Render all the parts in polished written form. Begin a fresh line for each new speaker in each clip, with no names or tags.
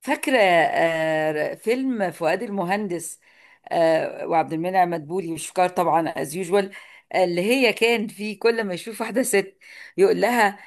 فاكرة فيلم فؤاد المهندس، وعبد المنعم مدبولي وشكار طبعا از يوجوال، اللي هي كان فيه كل ما يشوف واحدة ست يقول لها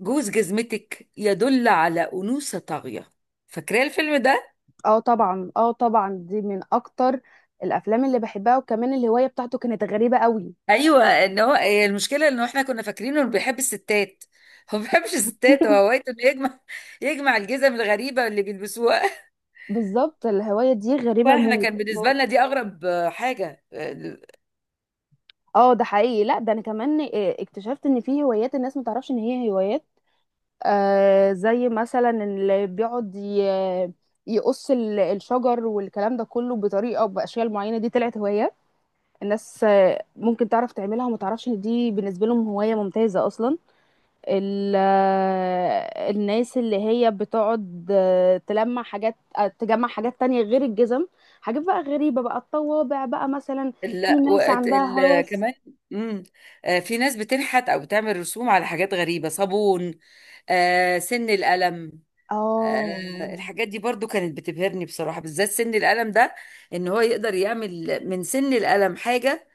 جوز جزمتك يدل على أنوثة طاغية. فاكرة الفيلم ده؟
اه طبعا، اه طبعا، دي من اكتر الافلام اللي بحبها، وكمان الهوايه بتاعته كانت غريبه قوي.
ايوه، ان هو هي المشكلة انه احنا كنا فاكرينه انه بيحب الستات. هو ما بيحبش الستات، هو هوايته انه يجمع الجزم الغريبة اللي بيلبسوها.
بالظبط الهوايه دي غريبه
واحنا
موت
كان بالنسبة
موت.
لنا دي اغرب حاجة.
اه، ده حقيقي. لا ده انا كمان اكتشفت ان في هوايات الناس ما تعرفش ان هي هوايات. زي مثلا اللي بيقعد يقص الشجر والكلام ده كله بطريقه او باشكال معينه. دي طلعت هوايه الناس، ممكن تعرف تعملها وما تعرفش ان دي بالنسبه لهم هوايه ممتازه اصلا. ال- الناس اللي هي بتقعد تلمع حاجات، تجمع حاجات تانية غير الجزم، حاجات بقى غريبة، بقى الطوابع بقى مثلا. في
لا
ناس
وقت
عندها هوس.
كمان. امم. آه، في ناس بتنحت او بتعمل رسوم على حاجات غريبه، صابون، آه سن القلم. آه،
اه،
الحاجات دي برضو كانت بتبهرني بصراحه، بالذات سن القلم ده، ان هو يقدر يعمل من سن القلم حاجه.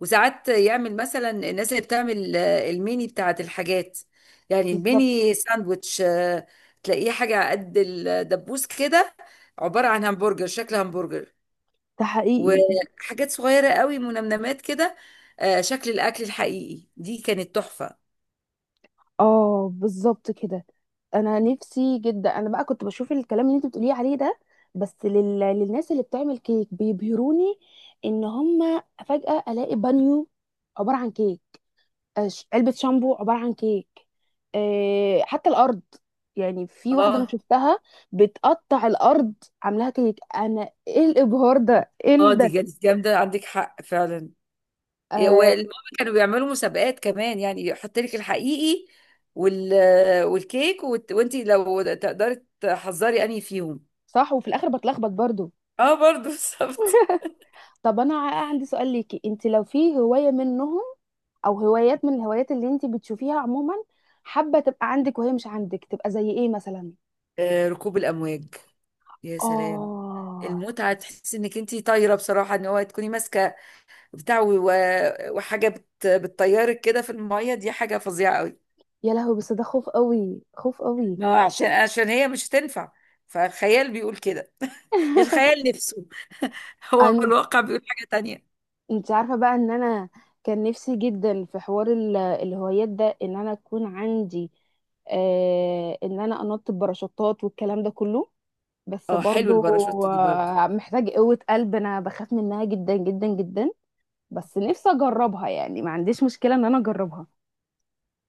وساعات يعمل مثلا الناس اللي بتعمل الميني بتاعت الحاجات، يعني
بالظبط.
الميني ساندويتش. آه، تلاقيه حاجه على قد الدبوس كده، عباره عن همبرجر، شكل همبرجر.
ده حقيقي.
وحاجات صغيرة قوي، منمنمات كده. شكل الأكل الحقيقي، دي كانت تحفة.
اه، بالظبط كده. انا نفسي جدا، انا بقى كنت بشوف الكلام اللي انت بتقوليه عليه ده، بس للناس اللي بتعمل كيك بيبهروني. ان هم فجأة الاقي بانيو عبارة عن كيك، علبة شامبو عبارة عن كيك، حتى الأرض. يعني في واحدة أنا
اه.
شفتها بتقطع الأرض، عاملاها كيك. أنا إيه الإبهار ده؟ إيه
اه
ده؟
دي كانت جامدة، عندك حق فعلا.
آه،
والماما كانوا بيعملوا مسابقات كمان، يعني يحط لك الحقيقي وال... والكيك وانت لو تقدري تحذري انهي فيهم.
صح. وفي الآخر بتلخبط برضو.
اه برضو بالظبط.
طب أنا عندي سؤال ليكي. أنت لو في هواية منهم أو هوايات من الهوايات اللي أنت بتشوفيها عموما حابة تبقى عندك وهي مش عندك، تبقى زي إيه مثلا؟
ركوب الأمواج، يا سلام!
آه،
المتعة تحسي انك انتي طايرة بصراحة، ان هو تكوني ماسكة بتاع و- وحاجة بتطيرك كده في المية، دي حاجة فظيعة قوي.
يا لهوي، بس ده خوف قوي، خوف قوي.
ما هو عشان هي مش هتنفع، فالخيال بيقول كده. الخيال نفسه. هو الواقع بيقول حاجة تانية.
انت عارفة بقى ان انا كان نفسي جدا في حوار الهوايات ده ان انا اكون عندي، آه، ان انا انط بباراشوتات والكلام ده كله. بس
اه، حلو
برضو
الباراشوت دي برضو.
محتاج قوة قلب. انا بخاف منها جدا جدا جدا، بس نفسي اجربها. يعني ما عنديش مشكلة ان انا اجربها.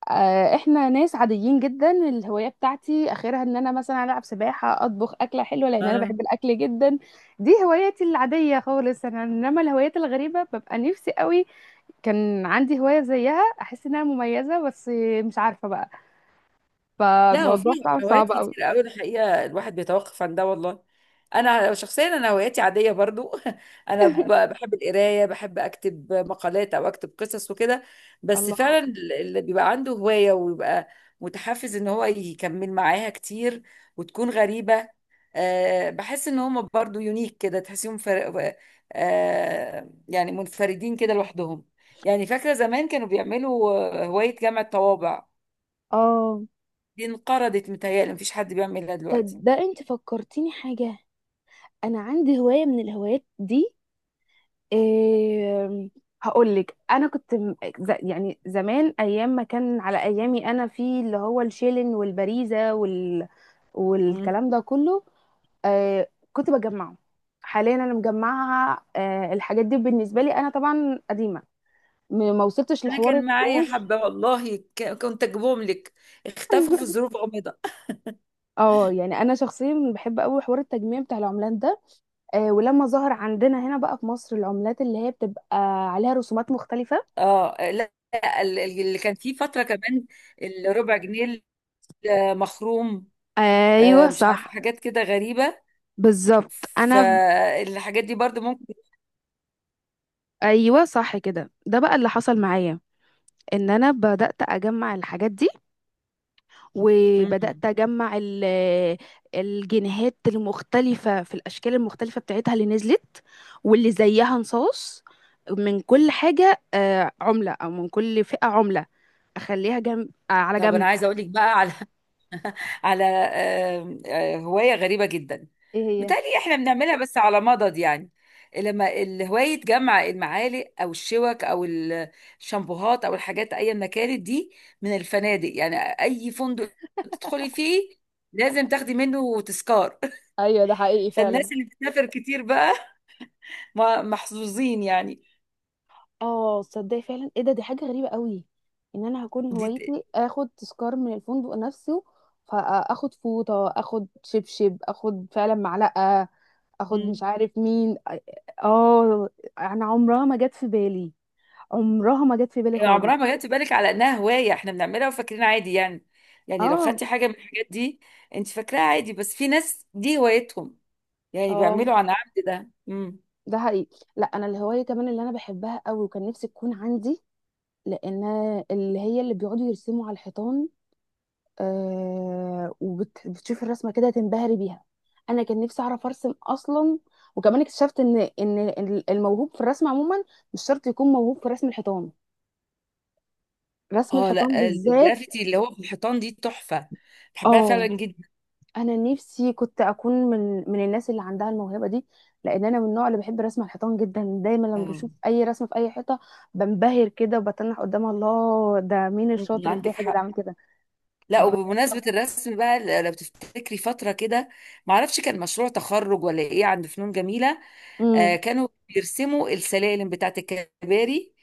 احنا ناس عاديين جدا. الهوايه بتاعتي اخرها ان انا مثلا العب سباحه، اطبخ اكله حلوه لان انا بحب الاكل جدا. دي هواياتي العاديه خالص انا. انما الهوايات الغريبه، ببقى نفسي قوي كان عندي هوايه زيها، احس انها مميزه، بس مش عارفه بقى.
لا هو في
فالموضوع صعب،
هوايات
صعب قوي.
كتير قوي الحقيقه، الواحد بيتوقف عن ده والله. انا شخصيا انا هواياتي عاديه برضو. انا بحب القرايه، بحب اكتب مقالات او اكتب قصص وكده. بس
الله، اه.
فعلا اللي بيبقى عنده هوايه ويبقى متحفز ان هو يكمل معاها كتير وتكون غريبه، أه بحس ان هم برضو يونيك كده، تحسيهم أه، يعني منفردين كده لوحدهم. يعني فاكره زمان كانوا بيعملوا هوايه جمع الطوابع،
اه،
دي انقرضت متهيألي، مفيش حد بيعملها دلوقتي.
طب ده انت فكرتيني حاجة. انا عندي هواية من الهوايات دي. إيه؟ هقول لك. انا كنت يعني زمان ايام ما كان على ايامي انا، في اللي هو الشيلن والبريزه
مم.
والكلام ده كله، كنت بجمعه. حاليا انا مجمعها، الحاجات دي بالنسبه لي انا طبعا قديمه. ما وصلتش
انا
لحوار
كان معايا
القروش.
حبة والله، كنت اجيبهم لك، اختفوا في ظروف غامضة.
اه، يعني انا شخصيا بحب قوي حوار التجميع بتاع العملات ده. ولما ظهر عندنا هنا بقى في مصر العملات اللي هي بتبقى عليها رسومات مختلفه.
اه لا لا، اللي كان فيه فترة كمان، الربع جنيه المخروم،
ايوه
مش عارفة
صح.
حاجات كده غريبة،
بالظبط انا
فالحاجات دي برضو ممكن.
ايوه، صح كده. ده بقى اللي حصل معايا، ان انا بدات اجمع الحاجات دي،
م- م.
وبدات اجمع الجنيهات المختلفه في الاشكال المختلفه بتاعتها اللي نزلت، واللي زيها نصاص. من كل حاجه، عمله او من كل فئه عمله، اخليها جنب، على
طب
جنب.
انا عايزة اقول لك بقى على هواية غريبة جدا.
ايه هي؟
متهيألي احنا بنعملها بس على مضض يعني، لما الهواية جمع المعالق أو الشوك أو الشامبوهات أو الحاجات أيا ما كانت دي، من الفنادق، يعني أي فندق تدخلي فيه لازم تاخدي منه تذكار.
ايوه، ده حقيقي فعلا.
فالناس اللي بتسافر كتير بقى محظوظين يعني.
اه، تصدقي فعلا، ايه ده؟ دي حاجه غريبه قوي، ان انا هكون
دي
هوايتي اخد تذكار من الفندق نفسه. فاخد فوطه، اخد شبشب، اخد فعلا معلقه، اخد مش عارف مين. اه، انا عمرها ما جت في بالي، عمرها ما جت في بالي خالص.
عمرها ما جت في بالك على انها هوايه احنا بنعملها وفاكرين عادي يعني. يعني لو
اه،
خدتي حاجه من الحاجات دي، انت فاكراها عادي، بس في ناس دي هوايتهم، يعني
اه،
بيعملوا عن عمد ده. امم.
ده حقيقي. لا انا الهوايه كمان اللي انا بحبها قوي وكان نفسي تكون عندي، لان اللي هي اللي بيقعدوا يرسموا على الحيطان. وبتشوفي الرسمه كده تنبهري بيها. انا كان نفسي اعرف ارسم اصلا. وكمان اكتشفت ان الموهوب في الرسم عموما مش شرط يكون موهوب في رسم الحيطان، رسم
اه،
الحيطان
لا
بالذات.
الجرافيتي اللي هو في الحيطان دي تحفه، بحبها فعلا
اه،
جدا.
انا نفسي كنت اكون من الناس اللي عندها الموهبه دي. لان انا من النوع اللي بحب رسم الحيطان جدا. دايما لما
اه،
بشوف اي رسمه في اي حيطه بنبهر كده وبتنح قدامها. الله، ده مين
أمم،
الشاطر
عندك
الجاحد اللي
حق.
عمل كده؟
لا
ب...
وبمناسبه الرسم بقى، لو تفتكري فتره كده، ما اعرفش كان مشروع تخرج ولا ايه عند فنون جميله،
امم،
كانوا بيرسموا السلالم بتاعت الكباري،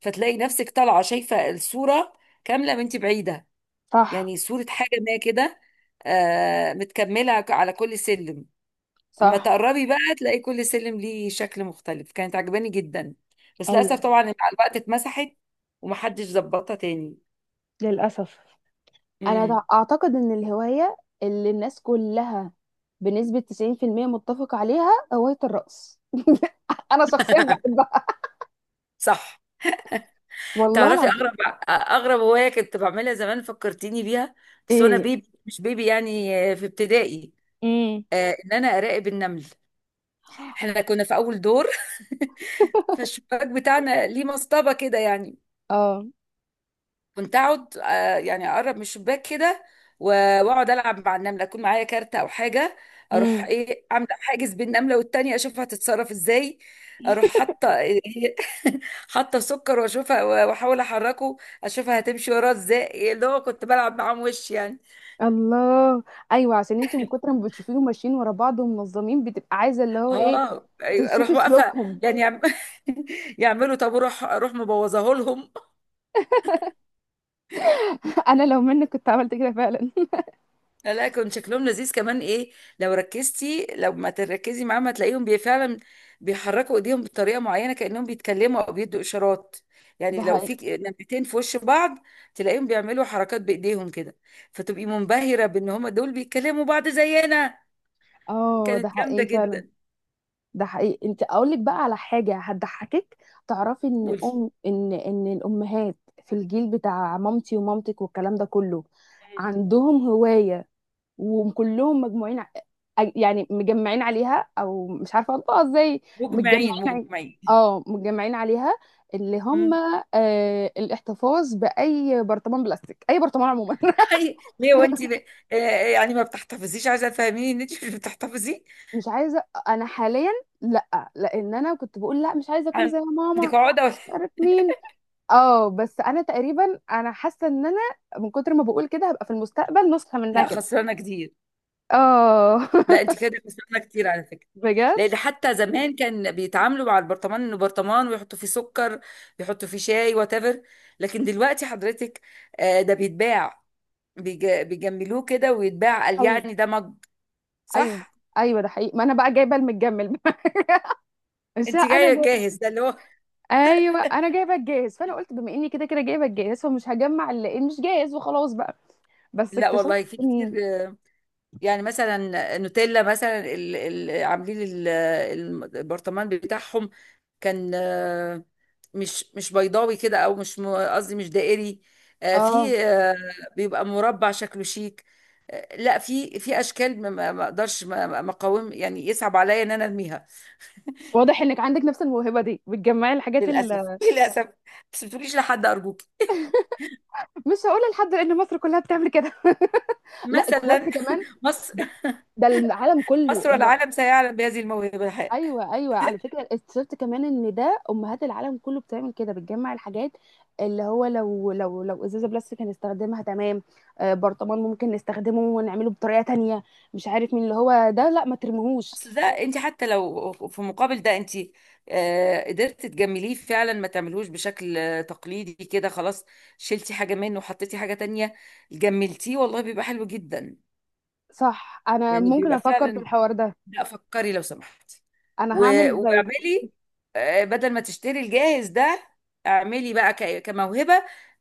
فتلاقي نفسك طالعه شايفه الصوره كامله وانت بعيده،
صح،
يعني صوره حاجه ما كده، متكمله على كل سلم. اما
صح،
تقربي بقى تلاقي كل سلم ليه شكل مختلف، كانت عجباني جدا. بس للاسف
ايوه،
طبعا مع الوقت اتمسحت ومحدش ظبطها تاني.
للاسف. انا
امم.
اعتقد ان الهواية اللي الناس كلها بنسبة 90% متفق عليها هواية الرقص. انا شخصيا بحبها،
صح،
والله
تعرفي اغرب
العظيم.
اغرب هوايه كنت بعملها زمان فكرتيني بيها، بس وانا
ايه؟
بيبي، مش بيبي يعني، في ابتدائي،
امم.
ان انا اراقب النمله. احنا كنا في اول دور. فالشباك بتاعنا ليه مصطبه كده يعني،
اه.
كنت اقعد، يعني اقرب من الشباك كده واقعد العب مع النمله، اكون معايا كارت او حاجه، اروح
امم.
ايه عامله حاجز بين النمله والتانيه، اشوفها هتتصرف ازاي. اروح حاطه حاطه سكر واشوفها واحاول احركه، اشوفها هتمشي وراه ازاي، إيه اللي هو كنت بلعب معاهم وش يعني.
الله، ايوه، عشان انت من كتر ما بتشوفيهم ماشيين ورا بعض ومنظمين، بتبقى عايزه اللي هو ايه،
اه أيوة، اروح
تشوفي
واقفه
سلوكهم.
يعني يعملوا طابور اروح، أروح مبوظاه لهم.
انا لو منك كنت عملت كده فعلا.
لا لا، كان شكلهم لذيذ كمان، ايه لو ركزتي، لو ما تركزي معاهم هتلاقيهم بي فعلا بيحركوا ايديهم بطريقه معينه، كانهم بيتكلموا او بيدوا اشارات.
ده
يعني لو في
حقيقي.
نمرتين في وش بعض، تلاقيهم بيعملوا حركات بايديهم كده، فتبقي منبهره بان هم دول بيتكلموا بعض زينا.
اه، ده
كانت جامده
حقيقي فعلا.
جدا.
ده حقيقي. انت اقول لك بقى على حاجه هتضحكك. تعرفي ان
قولي.
ام ان ان الامهات في الجيل بتاع مامتي ومامتك والكلام ده كله،
مم.
عندهم هوايه وكلهم مجموعين يعني مجمعين عليها، او مش عارفه انطقها ازاي. متجمعين
مجمعين
ع-
مجمعين.
اه متجمعين عليها، اللي
مم.
هم الاحتفاظ باي برطمان بلاستيك، اي برطمان عموما.
ليه وانت آه، يعني ما بتحتفظيش، عايزه تفهميني ان انت مش بتحتفظي،
مش عايزه انا حاليا. لا، لان انا كنت بقول لا مش عايزه اكون زي ماما،
عندك عقده ولا.
مش عارف مين. اه، بس انا تقريبا انا حاسه ان انا من كتر ما بقول كده هبقى في المستقبل نسخه منها
لا
كده.
خسرانه كتير.
اه.
لا انت كده خسرانه كتير على فكره،
بجد.
لان حتى زمان كان بيتعاملوا مع البرطمان انه برطمان، ويحطوا فيه سكر، يحطوا فيه شاي وات ايفر، لكن دلوقتي حضرتك ده بيتباع، بيجملوه كده ويتباع، قال يعني
ايوه،
ده مج.
ايوه،
صح.
ايوه، ده حقيقي. ما انا بقى جايبه المتجمل. مش
انت
انا
جايه
جايبه.
جاهز، ده اللي هو.
ايوه، انا جايبه الجاهز. فانا قلت بما اني كده كده جايبه الجاهز، فمش هجمع اللي إيه، مش جاهز وخلاص بقى. بس
لا
اكتشفت
والله في كتير،
ان...
يعني مثلا نوتيلا مثلا عاملين ال- البرطمان بتاعهم كان، مش مش بيضاوي كده، او مش قصدي مش دائري، آه،
اه،
في آه، بيبقى مربع، شكله شيك، لا في في اشكال ما اقدرش، مقاوم يعني، يصعب عليا ان انا ارميها.
واضح انك عندك نفس الموهبه دي، بتجمعي الحاجات
للاسف
اللي...
للاسف. بس ما تقوليش لحد ارجوك.
مش هقولها لحد لان مصر كلها بتعمل كده. لا، اكتشفت
مثلا،
كمان
مصر،
ده العالم كله.
مصر والعالم سيعلم بهذه الموهبه.
ايوه، ايوه على فكره. اكتشفت كمان ان ده امهات العالم كله بتعمل كده، بتجمع الحاجات. اللي هو لو ازازه بلاستيك هنستخدمها تمام، آه، برطمان ممكن نستخدمه ونعمله بطريقه تانية، مش عارف مين. اللي هو ده لا ما ترميهوش.
اصل ده انت حتى لو في مقابل ده انت، قدرت تجمليه فعلا، ما تعملهوش بشكل تقليدي كده خلاص، شلتي حاجة منه وحطيتي حاجة تانية، جملتيه، والله بيبقى حلو جدا،
صح، انا
يعني
ممكن
بيبقى
افكر في
فعلا.
الحوار ده.
لا فكري لو سمحتي
انا
و-
هعمل زيك.
واعملي، بدل ما تشتري الجاهز ده، اعملي بقى كموهبة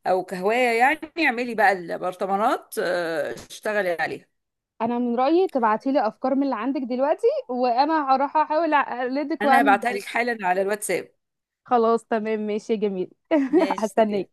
او كهواية يعني، اعملي بقى البرطمانات، اشتغلي عليها.
انا من رايي تبعتي لي افكار من اللي عندك دلوقتي، وانا هروح احاول اقلدك
انا
واعمل
هبعتها لك
زيك.
حالا على الواتساب.
خلاص، تمام، ماشي، جميل.
ماشي، سلام.
هستناك.